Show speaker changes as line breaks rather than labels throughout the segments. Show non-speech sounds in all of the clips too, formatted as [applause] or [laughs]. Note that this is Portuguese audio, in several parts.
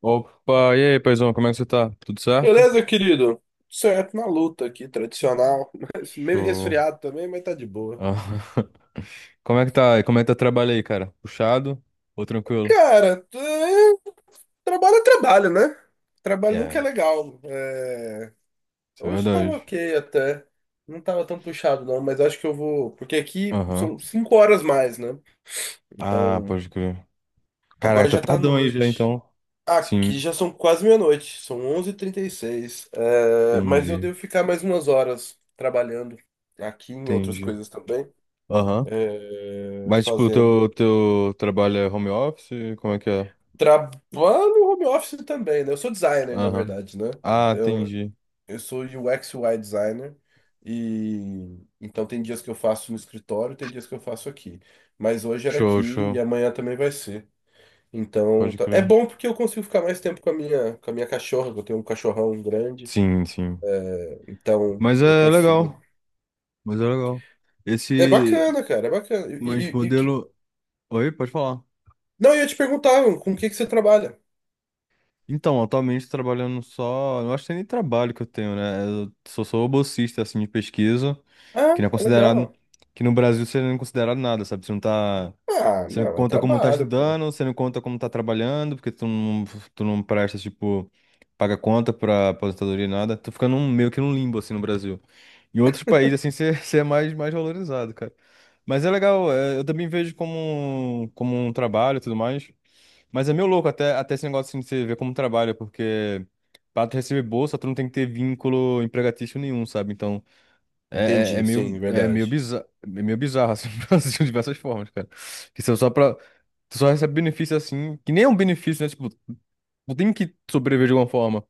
Opa, e aí, paizão, como é que você tá? Tudo certo?
Beleza, querido? Certo, na luta aqui, tradicional, [laughs] mas meio
Show.
resfriado também, mas tá de boa.
Ah, [laughs] Como é que tá? Como é que tá o trabalho aí, cara? Puxado ou tranquilo?
Cara, é, Trabalho é trabalho, né? Trabalho nunca é
É,
legal.
isso é
Hoje tava
verdade.
ok até. Não tava tão puxado, não, mas acho que eu vou, porque aqui
Aham.
são cinco horas mais, né?
Ah,
Então,
pode crer.
agora
Caraca,
já
tá
tá
tardão aí já,
noite.
então.
Aqui
Sim,
já são quase meia-noite, são 11:36. É, Mas eu
entendi,
devo ficar mais umas horas trabalhando aqui em outras
entendi.
coisas também,
Aham. Mas, tipo, o teu,
fazendo
teu trabalho é home office? Como é que é?
trabalho no home office também, né? Eu sou designer, na
Aham.
verdade, né?
Ah,
Então,
entendi.
eu sou UX UI designer, e então tem dias que eu faço no escritório, tem dias que eu faço aqui. Mas hoje era
Show,
aqui e
show.
amanhã também vai ser. Então,
Pode
é
crer.
bom porque eu consigo ficar mais tempo com a minha cachorra, que eu tenho um cachorrão grande,
Sim, sim.
é, então
Mas
eu
é
consigo.
legal. Mas é legal.
É
Esse.
bacana, cara, é bacana.
Mas modelo. Oi, pode falar.
Não, eu ia te perguntar, com o que que você trabalha?
Então, atualmente trabalhando só. Eu acho que nem trabalho que eu tenho, né? Eu sou bolsista, assim, de pesquisa,
Ah,
que não é considerado.
legal.
Que no Brasil você não é considerado nada, sabe? Você não tá.
Ah,
Você não
não, é
conta como tá
trabalho, pô.
estudando, você não conta como tá trabalhando, porque tu não presta, tipo, paga conta pra aposentadoria e nada. Tô ficando meio que num limbo, assim, no Brasil. Em outros países, assim, você, [laughs] você é mais valorizado, cara. Mas é legal, é, eu também vejo como, como um trabalho e tudo mais. Mas é meio louco até esse negócio assim de você ver como trabalha, porque pra tu receber bolsa, tu não tem que ter vínculo empregatício nenhum, sabe? Então,
Entendi, sim, verdade.
é meio bizarro, assim, [laughs] no Brasil, de diversas formas, cara. Que são só pra. Tu só recebe benefício, assim, que nem é um benefício, né? Tipo, tu tem que sobreviver de alguma forma.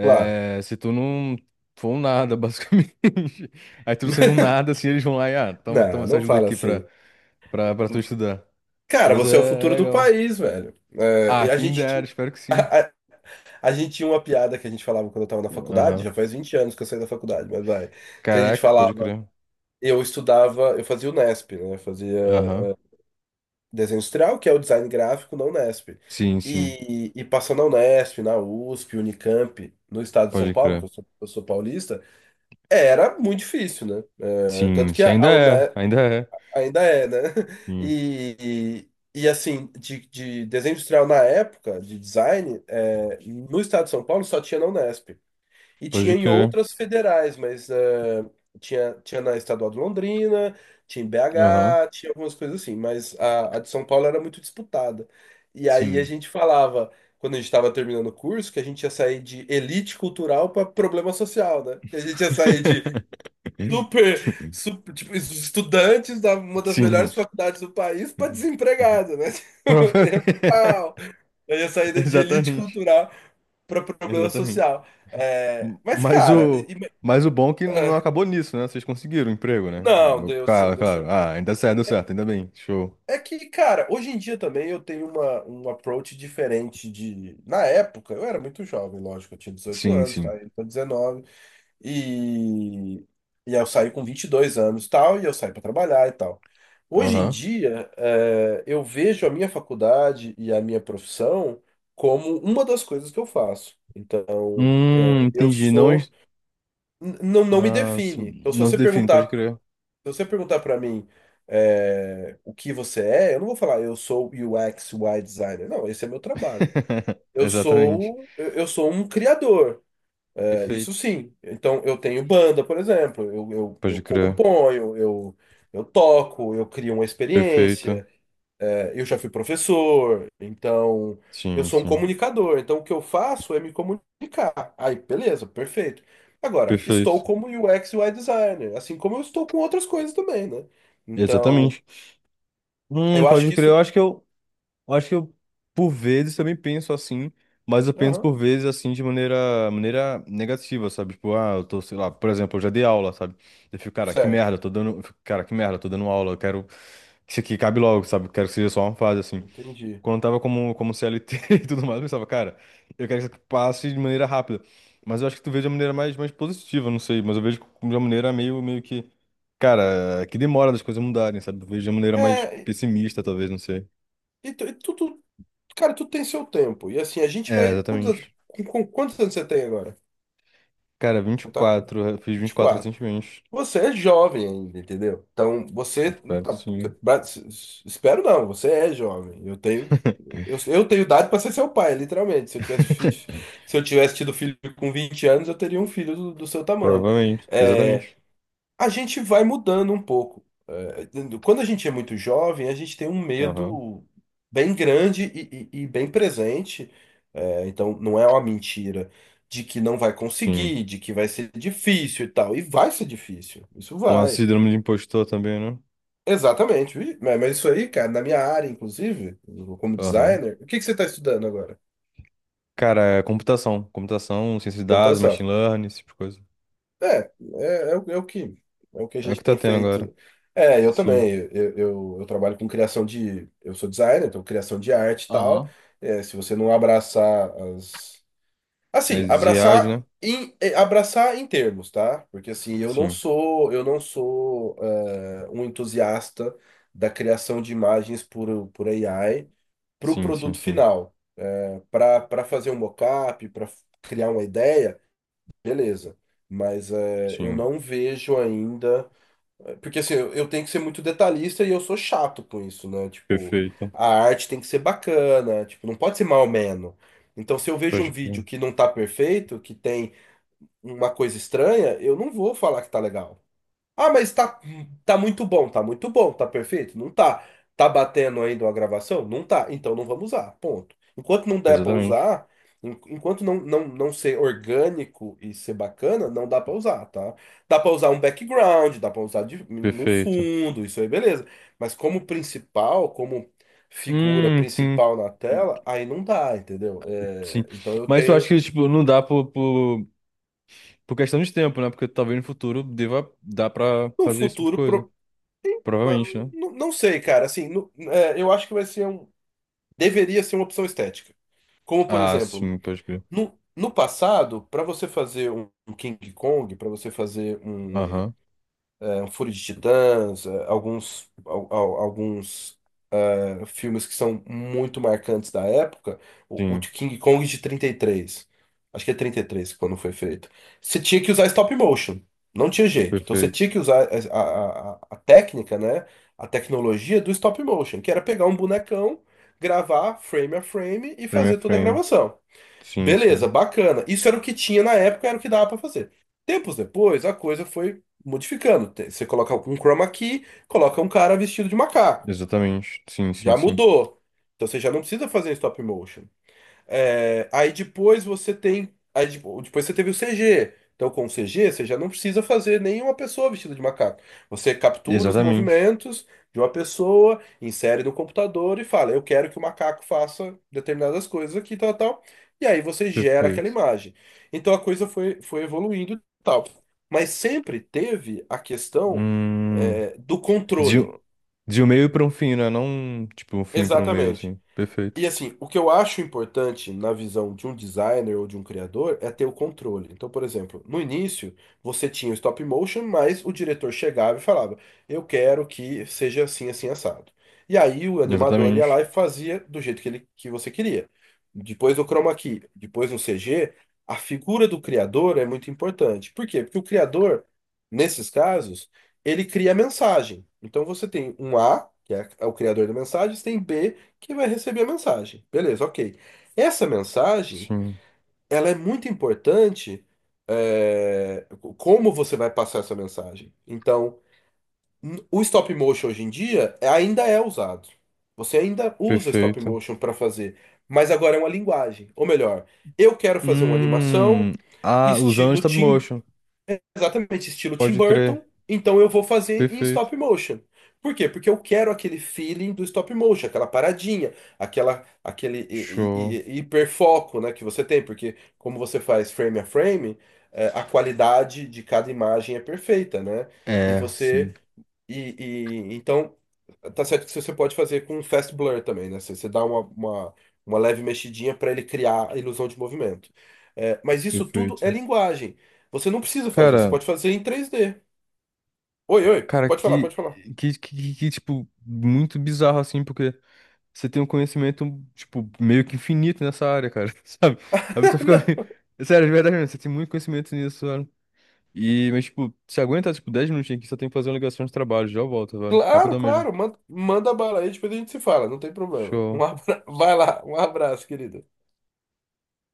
Claro.
se tu não for um nada, [laughs] basicamente. Aí tu sendo um
[laughs]
nada, assim, eles vão lá e, ah, toma, toma
Não,
essa
não
ajuda
fala
aqui pra,
assim.
pra tu estudar.
Cara,
Mas
você é o
é
futuro do
legal.
país, velho.
Ah, quem dera, espero que
[laughs]
sim.
A, a gente tinha uma piada que a gente falava quando eu tava na faculdade.
Aham.
Já faz 20 anos que eu saí da faculdade, mas vai. Que a gente
Caraca, pode
falava,
crer.
eu estudava, eu fazia o Nesp, né? Eu fazia
Aham.
desenho industrial, que é o design gráfico na Unesp.
Sim, sim,
E passando na Unesp, na USP, Unicamp, no estado de São
pode
Paulo,
crer.
que eu sou paulista. Era muito difícil, né? É,
Sim,
tanto que
sim,
a,
ainda
a
é,
UNE
ainda é.
ainda é, né? [laughs]
Sim,
E, assim, de desenho industrial na época, de design, no estado de São Paulo só tinha na Unesp. E tinha
pode
em
crer.
outras federais, mas tinha na Estadual de Londrina, tinha em
Aham.
BH, tinha algumas coisas assim, mas a de São Paulo era muito disputada. E aí a
Sim.
gente falava, quando a gente estava terminando o curso, que a gente ia sair de elite cultural para problema social, né? Que a gente ia sair de
[laughs]
Super, tipo, estudantes da uma das melhores
Sim.
faculdades do país para desempregado, né? [laughs] É
Provavelmente.
pau. Aí a
[laughs]
saída de elite
Exatamente.
cultural para problema
Exatamente.
social. É,
M-
mas,
Mas
cara,
o, mas o bom é que não acabou nisso, né? Vocês conseguiram o emprego, né?
não, deu certo,
Claro,
deu
claro.
certo.
Ah, ainda certo, deu certo, ainda bem. Show.
É que, cara, hoje em dia também eu tenho uma, um approach diferente de. Na época, eu era muito jovem, lógico, eu tinha dezoito
Sim,
anos, tá?
sim.
Eu tô 19, E, e aí eu saí com 22 anos e tal, e eu saí para trabalhar e tal. Hoje em
Aham.
dia, eu vejo a minha faculdade e a minha profissão como uma das coisas que eu faço. Então, eu
Entendi. Não.
sou. Não, não me
Ah,
define.
sim.
Então,
Não se define, pode crer.
se você perguntar para mim, o que você é, eu não vou falar eu sou UX, UI designer. Não, esse é meu trabalho.
[laughs]
Eu
Exatamente.
sou, eu eu sou um criador. É, isso
Perfeito.
sim. Então, eu tenho banda, por exemplo. Eu, eu,
Pode
eu
crer.
componho, eu toco, eu crio uma
Perfeito.
experiência. É, eu já fui professor, então eu
Sim,
sou um
sim.
comunicador. Então, o que eu faço é me comunicar. Aí, beleza, perfeito. Agora, estou
Perfeito.
como UX e UI designer, assim como eu estou com outras coisas também, né? Então,
Exatamente.
eu acho
Pode
que
crer. Eu
isso.
acho que eu, eu acho que eu, por vezes, também penso assim, mas eu penso
Aham,
por vezes assim de maneira, maneira negativa, sabe? Tipo, ah, eu tô, sei lá, por exemplo, eu já dei aula, sabe?
certo,
Eu fico, cara, que merda, eu tô dando aula, eu quero que isso aqui acabe logo, sabe? Eu quero que seja só uma fase, assim.
entendi.
Quando eu tava como, como CLT [laughs] e tudo mais, eu pensava, cara, eu quero que isso aqui passe de maneira rápida. Mas eu acho que tu vê de uma maneira mais positiva, não sei. Mas eu vejo de uma maneira meio que. Cara, que demora das coisas mudarem, sabe? Eu vejo de uma maneira mais
É,
pessimista, talvez, não sei.
e tu- e tudo Cara, tu tem seu tempo. E assim, a gente
É,
vai.
exatamente.
Com quantos anos você tem agora?
Cara,
Você tá com
24, eu fiz vinte
vinte
e
e
quatro
quatro
recentemente.
Você é jovem ainda, entendeu? Então,
Eu
você.
espero que
tá,
sim.
Espero não, você é jovem. Eu tenho. Eu tenho idade para ser seu pai, literalmente.
[laughs]
Se eu tivesse tido filho com 20 anos, eu teria um filho do seu tamanho.
Provavelmente,
É,
exatamente.
a gente vai mudando um pouco. É, quando a gente é muito jovem, a gente tem um
Aham,
medo bem grande e bem presente. É, então, não é uma mentira de que não vai
sim.
conseguir, de que vai ser difícil e tal. E vai ser difícil. Isso
Um
vai.
síndrome de impostor também, né?
Exatamente. Mas isso aí, cara, na minha área, inclusive, como
Aham.
designer, o que que você está estudando agora?
Cara, é computação. Computação, ciência de dados, machine
Computação.
learning, esse tipo de coisa.
É, é, é, o é o que é o que a
É o
gente
que tá
tem
tendo agora.
feito. É, eu
Sim.
também. Eu trabalho com criação de. Eu sou designer, então criação de arte e tal.
Aham.
É, se você não abraçar as. Assim,
As IAs,
abraçar
né?
em, abraçar em termos, tá? Porque assim,
Sim.
eu não sou um entusiasta da criação de imagens por AI para o
Sim, sim,
produto
sim.
final. Para fazer um mockup, para criar uma ideia. Beleza. Mas é, eu
Sim.
não vejo ainda. Porque assim, eu tenho que ser muito detalhista e eu sou chato com isso, né? Tipo,
Perfeito.
a arte tem que ser bacana, tipo, não pode ser menos. Então, se eu vejo um
Pode crer.
vídeo que não tá perfeito, que tem uma coisa estranha, eu não vou falar que tá legal. Ah, mas tá, tá muito bom, tá muito bom, tá perfeito? Não tá. Tá batendo ainda uma gravação? Não tá. Então não vamos usar, ponto. Enquanto não der pra
Exatamente.
usar, enquanto não ser orgânico e ser bacana, não dá pra usar, tá? Dá pra usar um background, dá pra usar de, num
Perfeito.
fundo, isso aí beleza. Mas como principal, como figura
Sim.
principal na tela, aí não dá, entendeu?
Sim.
É, então eu
Mas eu acho
tenho
que, tipo, não dá por questão de tempo, né? Porque talvez no futuro deva dar pra
no
fazer esse tipo de
futuro
coisa.
ah,
Provavelmente, né?
não sei, cara. Assim, é, eu acho que vai ser um, deveria ser uma opção estética. Como, por
Ah,
exemplo,
sim, pode crer.
no passado, para você fazer um um King Kong, para você fazer um,
Aham.
um Fúria de Titãs, alguns filmes que são muito marcantes da época, o
Sim.
de King Kong de 33. Acho que é 33 quando foi feito. Você tinha que usar stop motion. Não tinha jeito. Então você tinha
Perfeito.
que usar a técnica, né? A tecnologia do stop motion, que era pegar um bonecão, gravar frame a frame e
Frame a
fazer toda a
frame.
gravação.
Sim,
Beleza,
sim.
bacana. Isso era o que tinha na época, era o que dava pra fazer. Tempos depois, a coisa foi modificando. Você coloca um chroma key, coloca um cara vestido de macaco.
Exatamente. Sim, sim,
Já
sim.
mudou. Então você já não precisa fazer em stop motion. É, aí depois você tem. Aí depois você teve o CG. Então com o CG você já não precisa fazer nenhuma pessoa vestida de macaco. Você captura os
Exatamente.
movimentos de uma pessoa, insere no computador e fala: Eu quero que o macaco faça determinadas coisas aqui, tal, tal. E aí você gera aquela
Perfeito.
imagem. Então a coisa foi, foi evoluindo e tal. Mas sempre teve a questão,
Hum.
do
De,
controle.
um- de um meio para um fim, né? Não, tipo, um fim para um meio,
Exatamente.
assim. Perfeito.
E assim, o que eu acho importante na visão de um designer ou de um criador é ter o controle. Então, por exemplo, no início você tinha o stop motion, mas o diretor chegava e falava: Eu quero que seja assim, assim, assado. E aí o animador ia lá e
Exatamente.
fazia do jeito que ele, que você queria. Depois do chroma key, depois no CG, a figura do criador é muito importante. Por quê? Porque o criador, nesses casos, ele cria a mensagem. Então você tem um A, que é o criador da mensagem, você tem B que vai receber a mensagem. Beleza, ok. Essa mensagem,
Sim,
ela é muito importante, é, como você vai passar essa mensagem. Então, o stop motion hoje em dia ainda é usado. Você ainda usa stop
perfeito.
motion para fazer, mas agora é uma linguagem. Ou melhor, eu quero fazer uma animação
Hum, ah, usando
estilo
stop
Tim.
motion.
Exatamente, estilo Tim
Pode
Burton.
crer.
Então eu vou fazer em
Perfeito.
stop motion. Por quê? Porque eu quero aquele feeling do stop motion, aquela paradinha, aquele
Show.
hiperfoco, né, que você tem, porque como você faz frame a frame, a qualidade de cada imagem é perfeita, né? E
É, sim,
você e, então, tá certo que você pode fazer com fast blur também, né? Você dá uma leve mexidinha para ele criar a ilusão de movimento. É, mas isso tudo é
perfeito.
linguagem. Você não precisa fazer, você
Cara,
pode fazer em 3D. Oi, oi,
cara,
pode falar,
que,
pode falar.
que, que, que, que, tipo, muito bizarro, assim, porque você tem um conhecimento, tipo, meio que infinito nessa área, cara, [laughs] sabe? A pessoa fica [laughs] meio.
[laughs]
Sério, de verdade mesmo, você tem muito conhecimento nisso. E, mas, tipo, se aguenta, tipo, 10 minutinhos aqui, só tenho que fazer uma ligação de trabalho. Já eu volto,
Não,
velho.
claro,
Rapidão mesmo.
claro, manda, manda bala aí, depois a gente se fala, não tem problema. Um
Show.
abra... [laughs] Vai lá, um abraço, querido.